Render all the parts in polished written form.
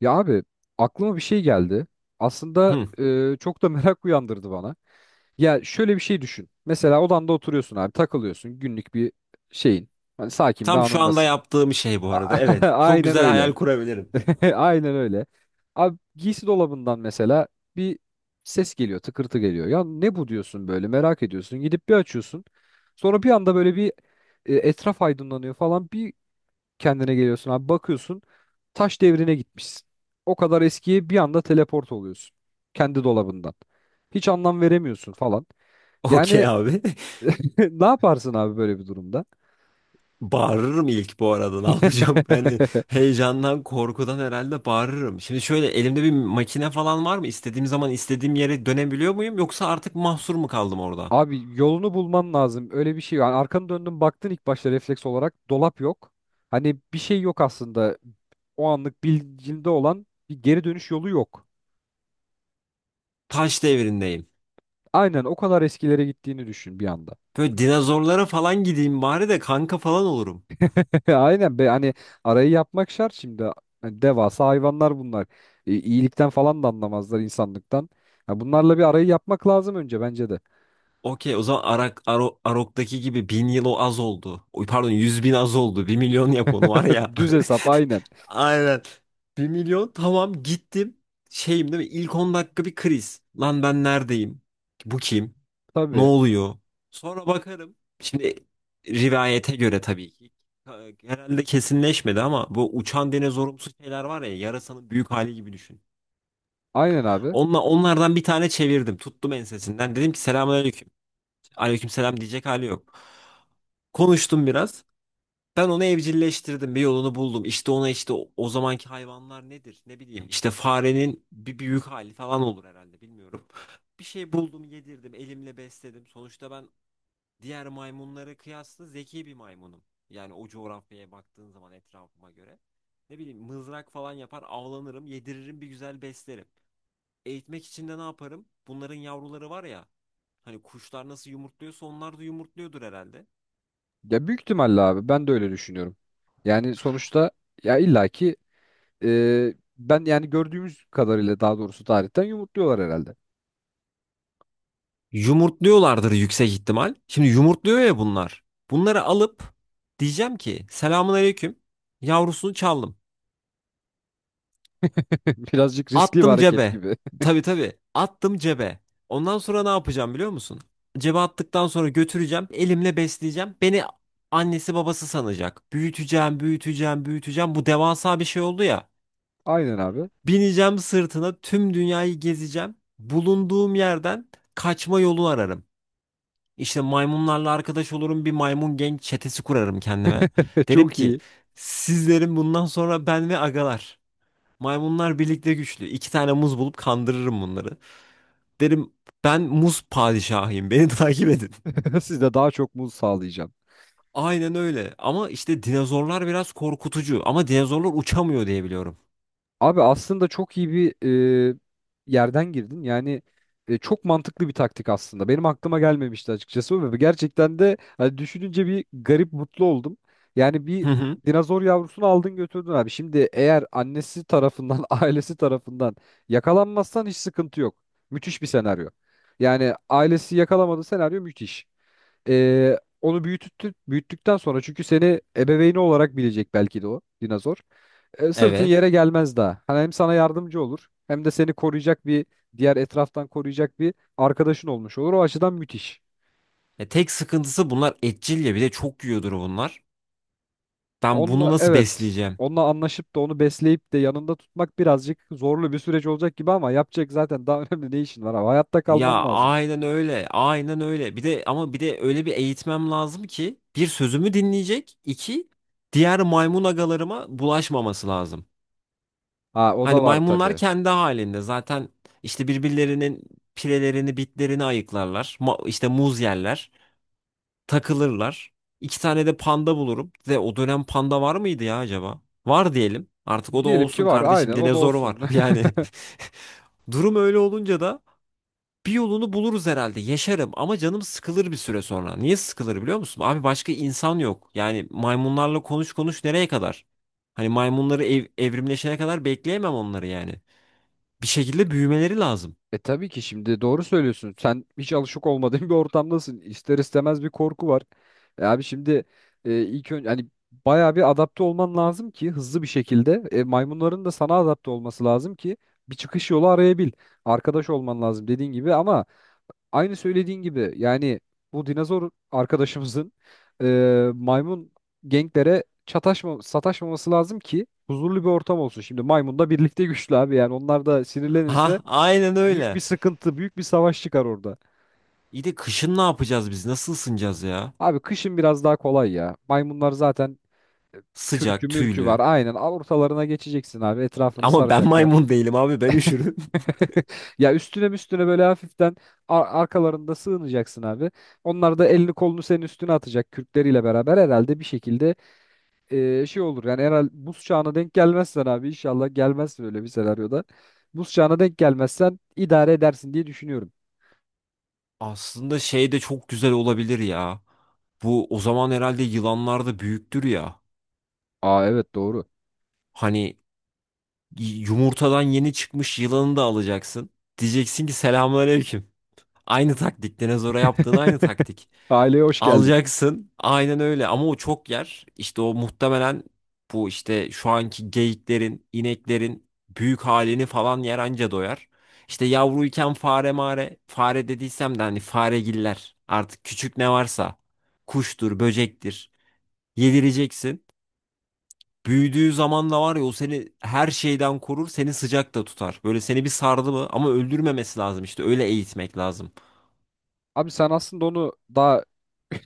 Ya abi aklıma bir şey geldi. Aslında Hı. Çok da merak uyandırdı bana. Ya şöyle bir şey düşün. Mesela odanda oturuyorsun abi, takılıyorsun günlük bir şeyin. Hani sakin bir Tam şu anda anındasın. yaptığım şey bu arada. Evet. Çok Aynen güzel öyle. hayal kurabilirim. Aynen öyle. Abi giysi dolabından mesela bir ses geliyor, tıkırtı geliyor. Ya ne bu diyorsun, böyle merak ediyorsun. Gidip bir açıyorsun. Sonra bir anda böyle bir etraf aydınlanıyor falan. Bir kendine geliyorsun abi, bakıyorsun taş devrine gitmişsin. O kadar eskiye bir anda teleport oluyorsun kendi dolabından. Hiç anlam veremiyorsun falan. Okey Yani abi. ne yaparsın abi böyle bir durumda? Bağırırım ilk bu arada. Ne yapacağım? Hani heyecandan, korkudan herhalde bağırırım. Şimdi şöyle elimde bir makine falan var mı? İstediğim zaman istediğim yere dönebiliyor muyum? Yoksa artık mahsur mu kaldım orada? Abi yolunu bulman lazım. Öyle bir şey. Yani arkanı döndün, baktın ilk başta refleks olarak dolap yok. Hani bir şey yok aslında. O anlık bilincinde olan bir geri dönüş yolu yok. Taş devrindeyim. Aynen o kadar eskilere gittiğini düşün bir anda. Böyle dinozorlara falan gideyim bari de kanka falan olurum. Ya aynen be, hani arayı yapmak şart şimdi. Hani devasa hayvanlar bunlar. İyilikten falan da anlamazlar, insanlıktan. Ha, bunlarla bir arayı yapmak lazım önce bence de. Okey, o zaman Arok'taki gibi 1000 yıl o az oldu. Oy, pardon, 100.000 az oldu. 1 milyon yap onu var ya. Düz hesap aynen. Aynen. 1 milyon, tamam, gittim. Şeyim değil mi? İlk 10 dakika bir kriz. Lan ben neredeyim? Bu kim? Ne Tabii. oluyor? Sonra bakarım. Şimdi, rivayete göre tabii ki, herhalde kesinleşmedi ama bu uçan dinozorumsu şeyler var ya, yarasanın büyük hali gibi düşün. Aynen abi. Onlardan bir tane çevirdim. Tuttum ensesinden. Dedim ki, selamünaleyküm. Aleykümselam diyecek hali yok. Konuştum biraz. Ben onu evcilleştirdim, bir yolunu buldum. İşte ona, işte o zamanki hayvanlar nedir? Ne bileyim. İşte farenin bir büyük hali falan olur herhalde, bilmiyorum. Bir şey buldum, yedirdim, elimle besledim. Sonuçta ben diğer maymunlara kıyasla zeki bir maymunum. Yani o coğrafyaya baktığın zaman, etrafıma göre. Ne bileyim, mızrak falan yapar, avlanırım, yediririm, bir güzel beslerim. Eğitmek için de ne yaparım? Bunların yavruları var ya. Hani kuşlar nasıl yumurtluyorsa onlar da yumurtluyordur herhalde. Ya büyük ihtimalle abi ben de öyle düşünüyorum. Yani sonuçta ya illaki ben, yani gördüğümüz kadarıyla daha doğrusu tarihten, yumurtluyorlar herhalde. Yumurtluyorlardır yüksek ihtimal. Şimdi yumurtluyor ya bunlar. Bunları alıp diyeceğim ki, selamun aleyküm. Yavrusunu çaldım. Birazcık riskli bir Attım hareket cebe. gibi. Tabii, tabii. Attım cebe. Ondan sonra ne yapacağım biliyor musun? Cebe attıktan sonra götüreceğim. Elimle besleyeceğim. Beni annesi babası sanacak. Büyüteceğim, büyüteceğim, büyüteceğim. Bu devasa bir şey oldu ya. Aynen abi. Bineceğim sırtına, tüm dünyayı gezeceğim. Bulunduğum yerden kaçma yolu ararım. İşte maymunlarla arkadaş olurum, bir maymun genç çetesi kurarım kendime. Derim Çok ki, iyi. sizlerin bundan sonra ben ve agalar. Maymunlar birlikte güçlü. İki tane muz bulup kandırırım bunları. Derim, ben muz padişahıyım, beni takip edin. Siz de daha çok muz sağlayacaksınız. Aynen öyle, ama işte dinozorlar biraz korkutucu, ama dinozorlar uçamıyor diye biliyorum. Abi aslında çok iyi bir e, yerden girdin. Yani çok mantıklı bir taktik aslında. Benim aklıma gelmemişti açıkçası ve gerçekten de hani düşününce bir garip mutlu oldum. Yani bir Hı hı. dinozor yavrusunu aldın, götürdün abi. Şimdi eğer annesi tarafından, ailesi tarafından yakalanmazsan hiç sıkıntı yok. Müthiş bir senaryo. Yani ailesi yakalamadı, senaryo müthiş. Onu büyüttü, büyüttükten sonra, çünkü seni ebeveyni olarak bilecek belki de o dinozor, sırtın Evet. yere gelmez daha. Hani hem sana yardımcı olur hem de seni koruyacak bir diğer, etraftan koruyacak bir arkadaşın olmuş olur. O açıdan müthiş. Tek sıkıntısı, bunlar etçil ya, bir de çok yiyordur bunlar. Ben bunu Onunla, nasıl evet, besleyeceğim? onunla anlaşıp da onu besleyip de yanında tutmak birazcık zorlu bir süreç olacak gibi, ama yapacak zaten daha önemli ne işin var abi. Hayatta kalman Ya lazım. aynen öyle. Aynen öyle. Bir de, ama bir de öyle bir eğitmem lazım ki, bir, sözümü dinleyecek; iki, diğer maymun agalarıma bulaşmaması lazım. Ha, o Hani da var maymunlar tabii. kendi halinde, zaten işte birbirlerinin pirelerini, bitlerini ayıklarlar. İşte muz yerler, takılırlar. İki tane de panda bulurum. Ve o dönem panda var mıydı ya acaba? Var diyelim. Artık o da Diyelim ki olsun var, kardeşim. aynen, o da Dinozor var. olsun. Yani durum öyle olunca da bir yolunu buluruz herhalde. Yaşarım ama canım sıkılır bir süre sonra. Niye sıkılır biliyor musun? Abi başka insan yok. Yani maymunlarla konuş konuş nereye kadar? Hani maymunları evrimleşene kadar bekleyemem onları yani. Bir şekilde büyümeleri lazım. E tabii ki, şimdi doğru söylüyorsun. Sen hiç alışık olmadığın bir ortamdasın. İster istemez bir korku var. E abi şimdi ilk önce hani bayağı bir adapte olman lazım ki hızlı bir şekilde. E, maymunların da sana adapte olması lazım ki bir çıkış yolu arayabil. Arkadaş olman lazım dediğin gibi, ama aynı söylediğin gibi yani bu dinozor arkadaşımızın maymun genklere çataşma, sataşmaması lazım ki huzurlu bir ortam olsun. Şimdi maymun da birlikte güçlü abi, yani onlar da Ha, sinirlenirse aynen büyük öyle. bir sıkıntı, büyük bir savaş çıkar orada. İyi de kışın ne yapacağız biz? Nasıl ısınacağız ya? Abi kışın biraz daha kolay ya. Maymunlar zaten kürkü Sıcak, mürkü var. tüylü. Aynen, al ortalarına geçeceksin abi. Etrafını Ama ben saracaklar. maymun değilim abi, ben üşürüm. Ya üstüne üstüne böyle hafiften arkalarında sığınacaksın abi. Onlar da elini kolunu senin üstüne atacak kürkleriyle beraber herhalde bir şekilde şey olur. Yani herhalde buz çağına denk gelmezsen abi, inşallah gelmez böyle bir senaryoda. Buz çağına denk gelmezsen idare edersin diye düşünüyorum. Aslında şey de çok güzel olabilir ya. Bu, o zaman herhalde yılanlar da büyüktür ya. Aa, evet, doğru. Hani yumurtadan yeni çıkmış yılanı da alacaksın. Diyeceksin ki, selamünaleyküm. Aynı taktik. Dinozora yaptığın aynı taktik. Aileye hoş geldin. Alacaksın. Aynen öyle. Ama o çok yer. İşte o muhtemelen bu işte şu anki geyiklerin, ineklerin büyük halini falan yer, anca doyar. İşte yavruyken fare mare, fare dediysem de hani faregiller, artık küçük ne varsa, kuştur, böcektir, yedireceksin. Büyüdüğü zaman da var ya, o seni her şeyden korur, seni sıcak da tutar. Böyle seni bir sardı mı, ama öldürmemesi lazım, işte öyle eğitmek lazım. Abi sen aslında onu daha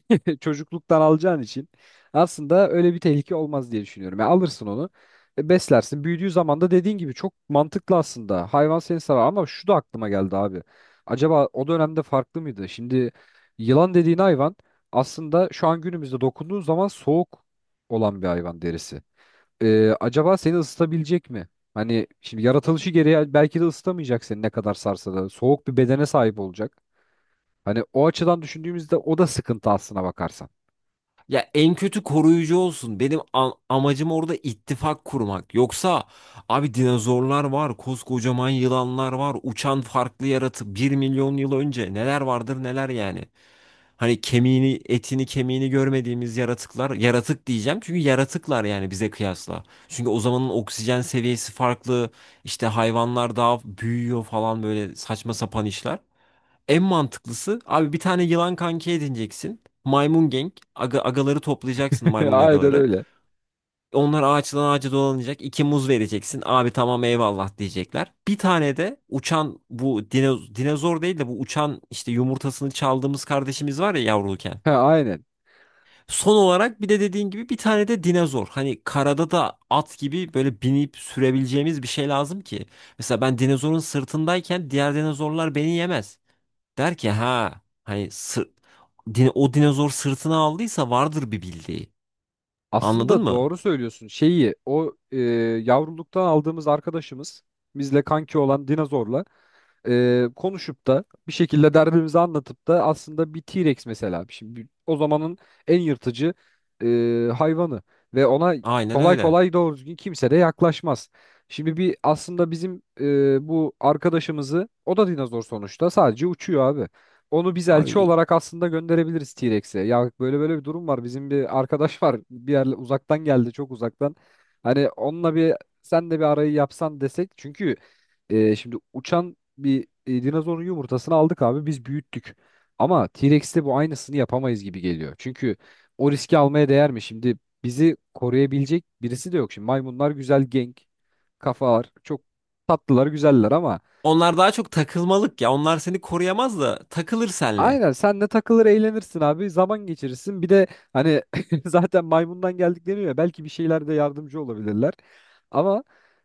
çocukluktan alacağın için aslında öyle bir tehlike olmaz diye düşünüyorum. Ya alırsın onu, beslersin. Büyüdüğü zaman da dediğin gibi çok mantıklı aslında. Hayvan seni sever, ama şu da aklıma geldi abi. Acaba o dönemde farklı mıydı? Şimdi yılan dediğin hayvan aslında şu an günümüzde dokunduğun zaman soğuk olan bir hayvan derisi. E, acaba seni ısıtabilecek mi? Hani şimdi yaratılışı gereği belki de ısıtamayacak seni ne kadar sarsa da. Soğuk bir bedene sahip olacak. Hani o açıdan düşündüğümüzde o da sıkıntı, aslına bakarsan. Ya en kötü koruyucu olsun. Benim amacım orada ittifak kurmak. Yoksa abi, dinozorlar var, koskocaman yılanlar var, uçan farklı yaratı. 1 milyon yıl önce neler vardır neler yani. Hani kemiğini, etini, kemiğini görmediğimiz yaratıklar, yaratık diyeceğim çünkü yaratıklar yani bize kıyasla. Çünkü o zamanın oksijen seviyesi farklı, işte hayvanlar daha büyüyor falan, böyle saçma sapan işler. En mantıklısı abi, bir tane yılan kanki edineceksin. Maymun gang. Agaları toplayacaksın, maymun Aynen agaları. öyle. Onlar ağaçtan ağaca dolanacak. İki muz vereceksin. Abi tamam, eyvallah diyecekler. Bir tane de uçan, bu dinozor değil de, bu uçan işte yumurtasını çaldığımız kardeşimiz var ya, yavruluken. Ha, aynen. Son olarak bir de, dediğin gibi, bir tane de dinozor. Hani karada da at gibi böyle binip sürebileceğimiz bir şey lazım ki. Mesela ben dinozorun sırtındayken diğer dinozorlar beni yemez. Der ki, ha hani o dinozor sırtına aldıysa vardır bir bildiği. Anladın Aslında mı? doğru söylüyorsun. Şeyi o yavruluktan aldığımız arkadaşımız, bizle kanki olan dinozorla konuşup da bir şekilde derdimizi anlatıp da, aslında bir T-Rex mesela, şimdi o zamanın en yırtıcı hayvanı ve ona Aynen kolay öyle. kolay doğru düzgün kimse de yaklaşmaz. Şimdi bir aslında bizim bu arkadaşımızı, o da dinozor sonuçta, sadece uçuyor abi. Onu biz Abi elçi i- olarak aslında gönderebiliriz T-Rex'e. Ya böyle böyle bir durum var. Bizim bir arkadaş var. Bir yerle uzaktan geldi, çok uzaktan. Hani onunla bir, sen de bir arayı yapsan desek. Çünkü şimdi uçan bir dinozorun yumurtasını aldık abi, biz büyüttük. Ama T-Rex'te bu aynısını yapamayız gibi geliyor. Çünkü o riski almaya değer mi? Şimdi bizi koruyabilecek birisi de yok. Şimdi maymunlar güzel genk, kafalar çok tatlılar, güzeller ama Onlar daha çok takılmalık ya. Onlar seni koruyamaz da takılır senle. aynen senle takılır, eğlenirsin abi, zaman geçirirsin. Bir de hani zaten maymundan geldik deniyor ya, belki bir şeylerde yardımcı olabilirler. Ama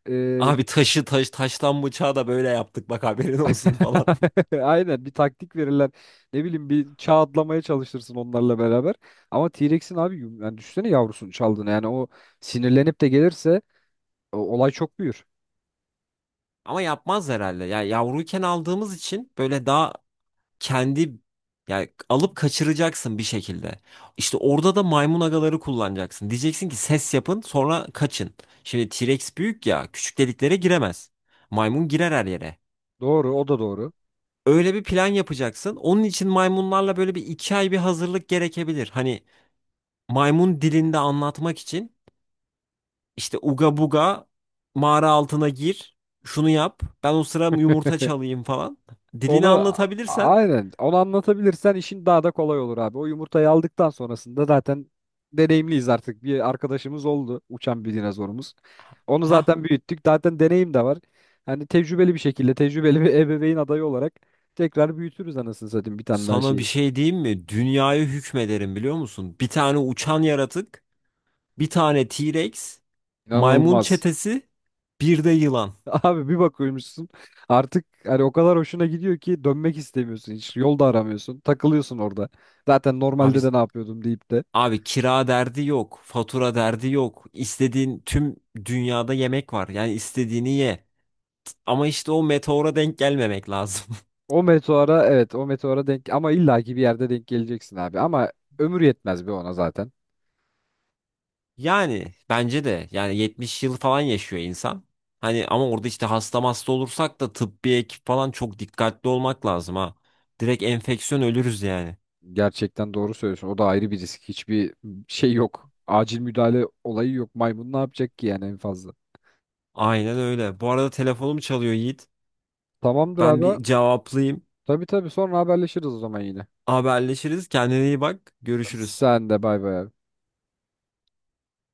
e, Abi taşı, taş taştan bıçağı da böyle yaptık bak, haberin olsun falan. aynen bir taktik verirler. Ne bileyim, bir çağ atlamaya çalışırsın onlarla beraber. Ama T-Rex'in abi yani düşünsene yavrusunu çaldığını. Yani o sinirlenip de gelirse olay çok büyür. Ama yapmaz herhalde. Ya yavruyken aldığımız için böyle daha kendi, yani alıp kaçıracaksın bir şekilde. İşte orada da maymun agaları kullanacaksın. Diyeceksin ki, ses yapın, sonra kaçın. Şimdi T-Rex büyük ya, küçük deliklere giremez. Maymun girer her yere. Doğru, o da doğru. Öyle bir plan yapacaksın. Onun için maymunlarla böyle bir iki ay bir hazırlık gerekebilir. Hani maymun dilinde anlatmak için, işte uga buga, mağara altına gir, şunu yap, ben o sıra yumurta çalayım falan. Onu Dilini anlatabilirsen. aynen onu anlatabilirsen işin daha da kolay olur abi. O yumurtayı aldıktan sonrasında zaten deneyimliyiz artık. Bir arkadaşımız oldu, uçan bir dinozorumuz. Onu Ha. zaten büyüttük. Zaten deneyim de var. Hani tecrübeli bir şekilde, tecrübeli bir ebeveyn adayı olarak tekrar büyütürüz anasını satayım bir tane daha Sana bir şeyi. şey diyeyim mi? Dünyayı hükmederim biliyor musun? Bir tane uçan yaratık, bir tane T-Rex, maymun İnanılmaz. çetesi, bir de yılan. Abi bir bakıyormuşsun artık hani o kadar hoşuna gidiyor ki dönmek istemiyorsun hiç. Yol da aramıyorsun. Takılıyorsun orada. Zaten Abi normalde de ne yapıyordum deyip de. abi, kira derdi yok, fatura derdi yok. İstediğin tüm dünyada yemek var. Yani istediğini ye. Ama işte o meteora denk gelmemek lazım. O meteora, evet, o meteora denk, ama illaki bir yerde denk geleceksin abi. Ama ömür yetmez be ona zaten. Yani bence de, yani 70 yıl falan yaşıyor insan. Hani ama orada işte hasta hasta olursak da tıbbi ekip falan, çok dikkatli olmak lazım ha. Direkt enfeksiyon ölürüz yani. Gerçekten doğru söylüyorsun. O da ayrı bir risk. Hiçbir şey yok. Acil müdahale olayı yok. Maymun ne yapacak ki yani en fazla. Aynen öyle. Bu arada telefonum çalıyor Yiğit. Tamamdır Ben abi. bir cevaplayayım. Tabii, tabii, sonra haberleşiriz o zaman yine. Haberleşiriz. Kendine iyi bak. Görüşürüz. Sen de bay bay abi.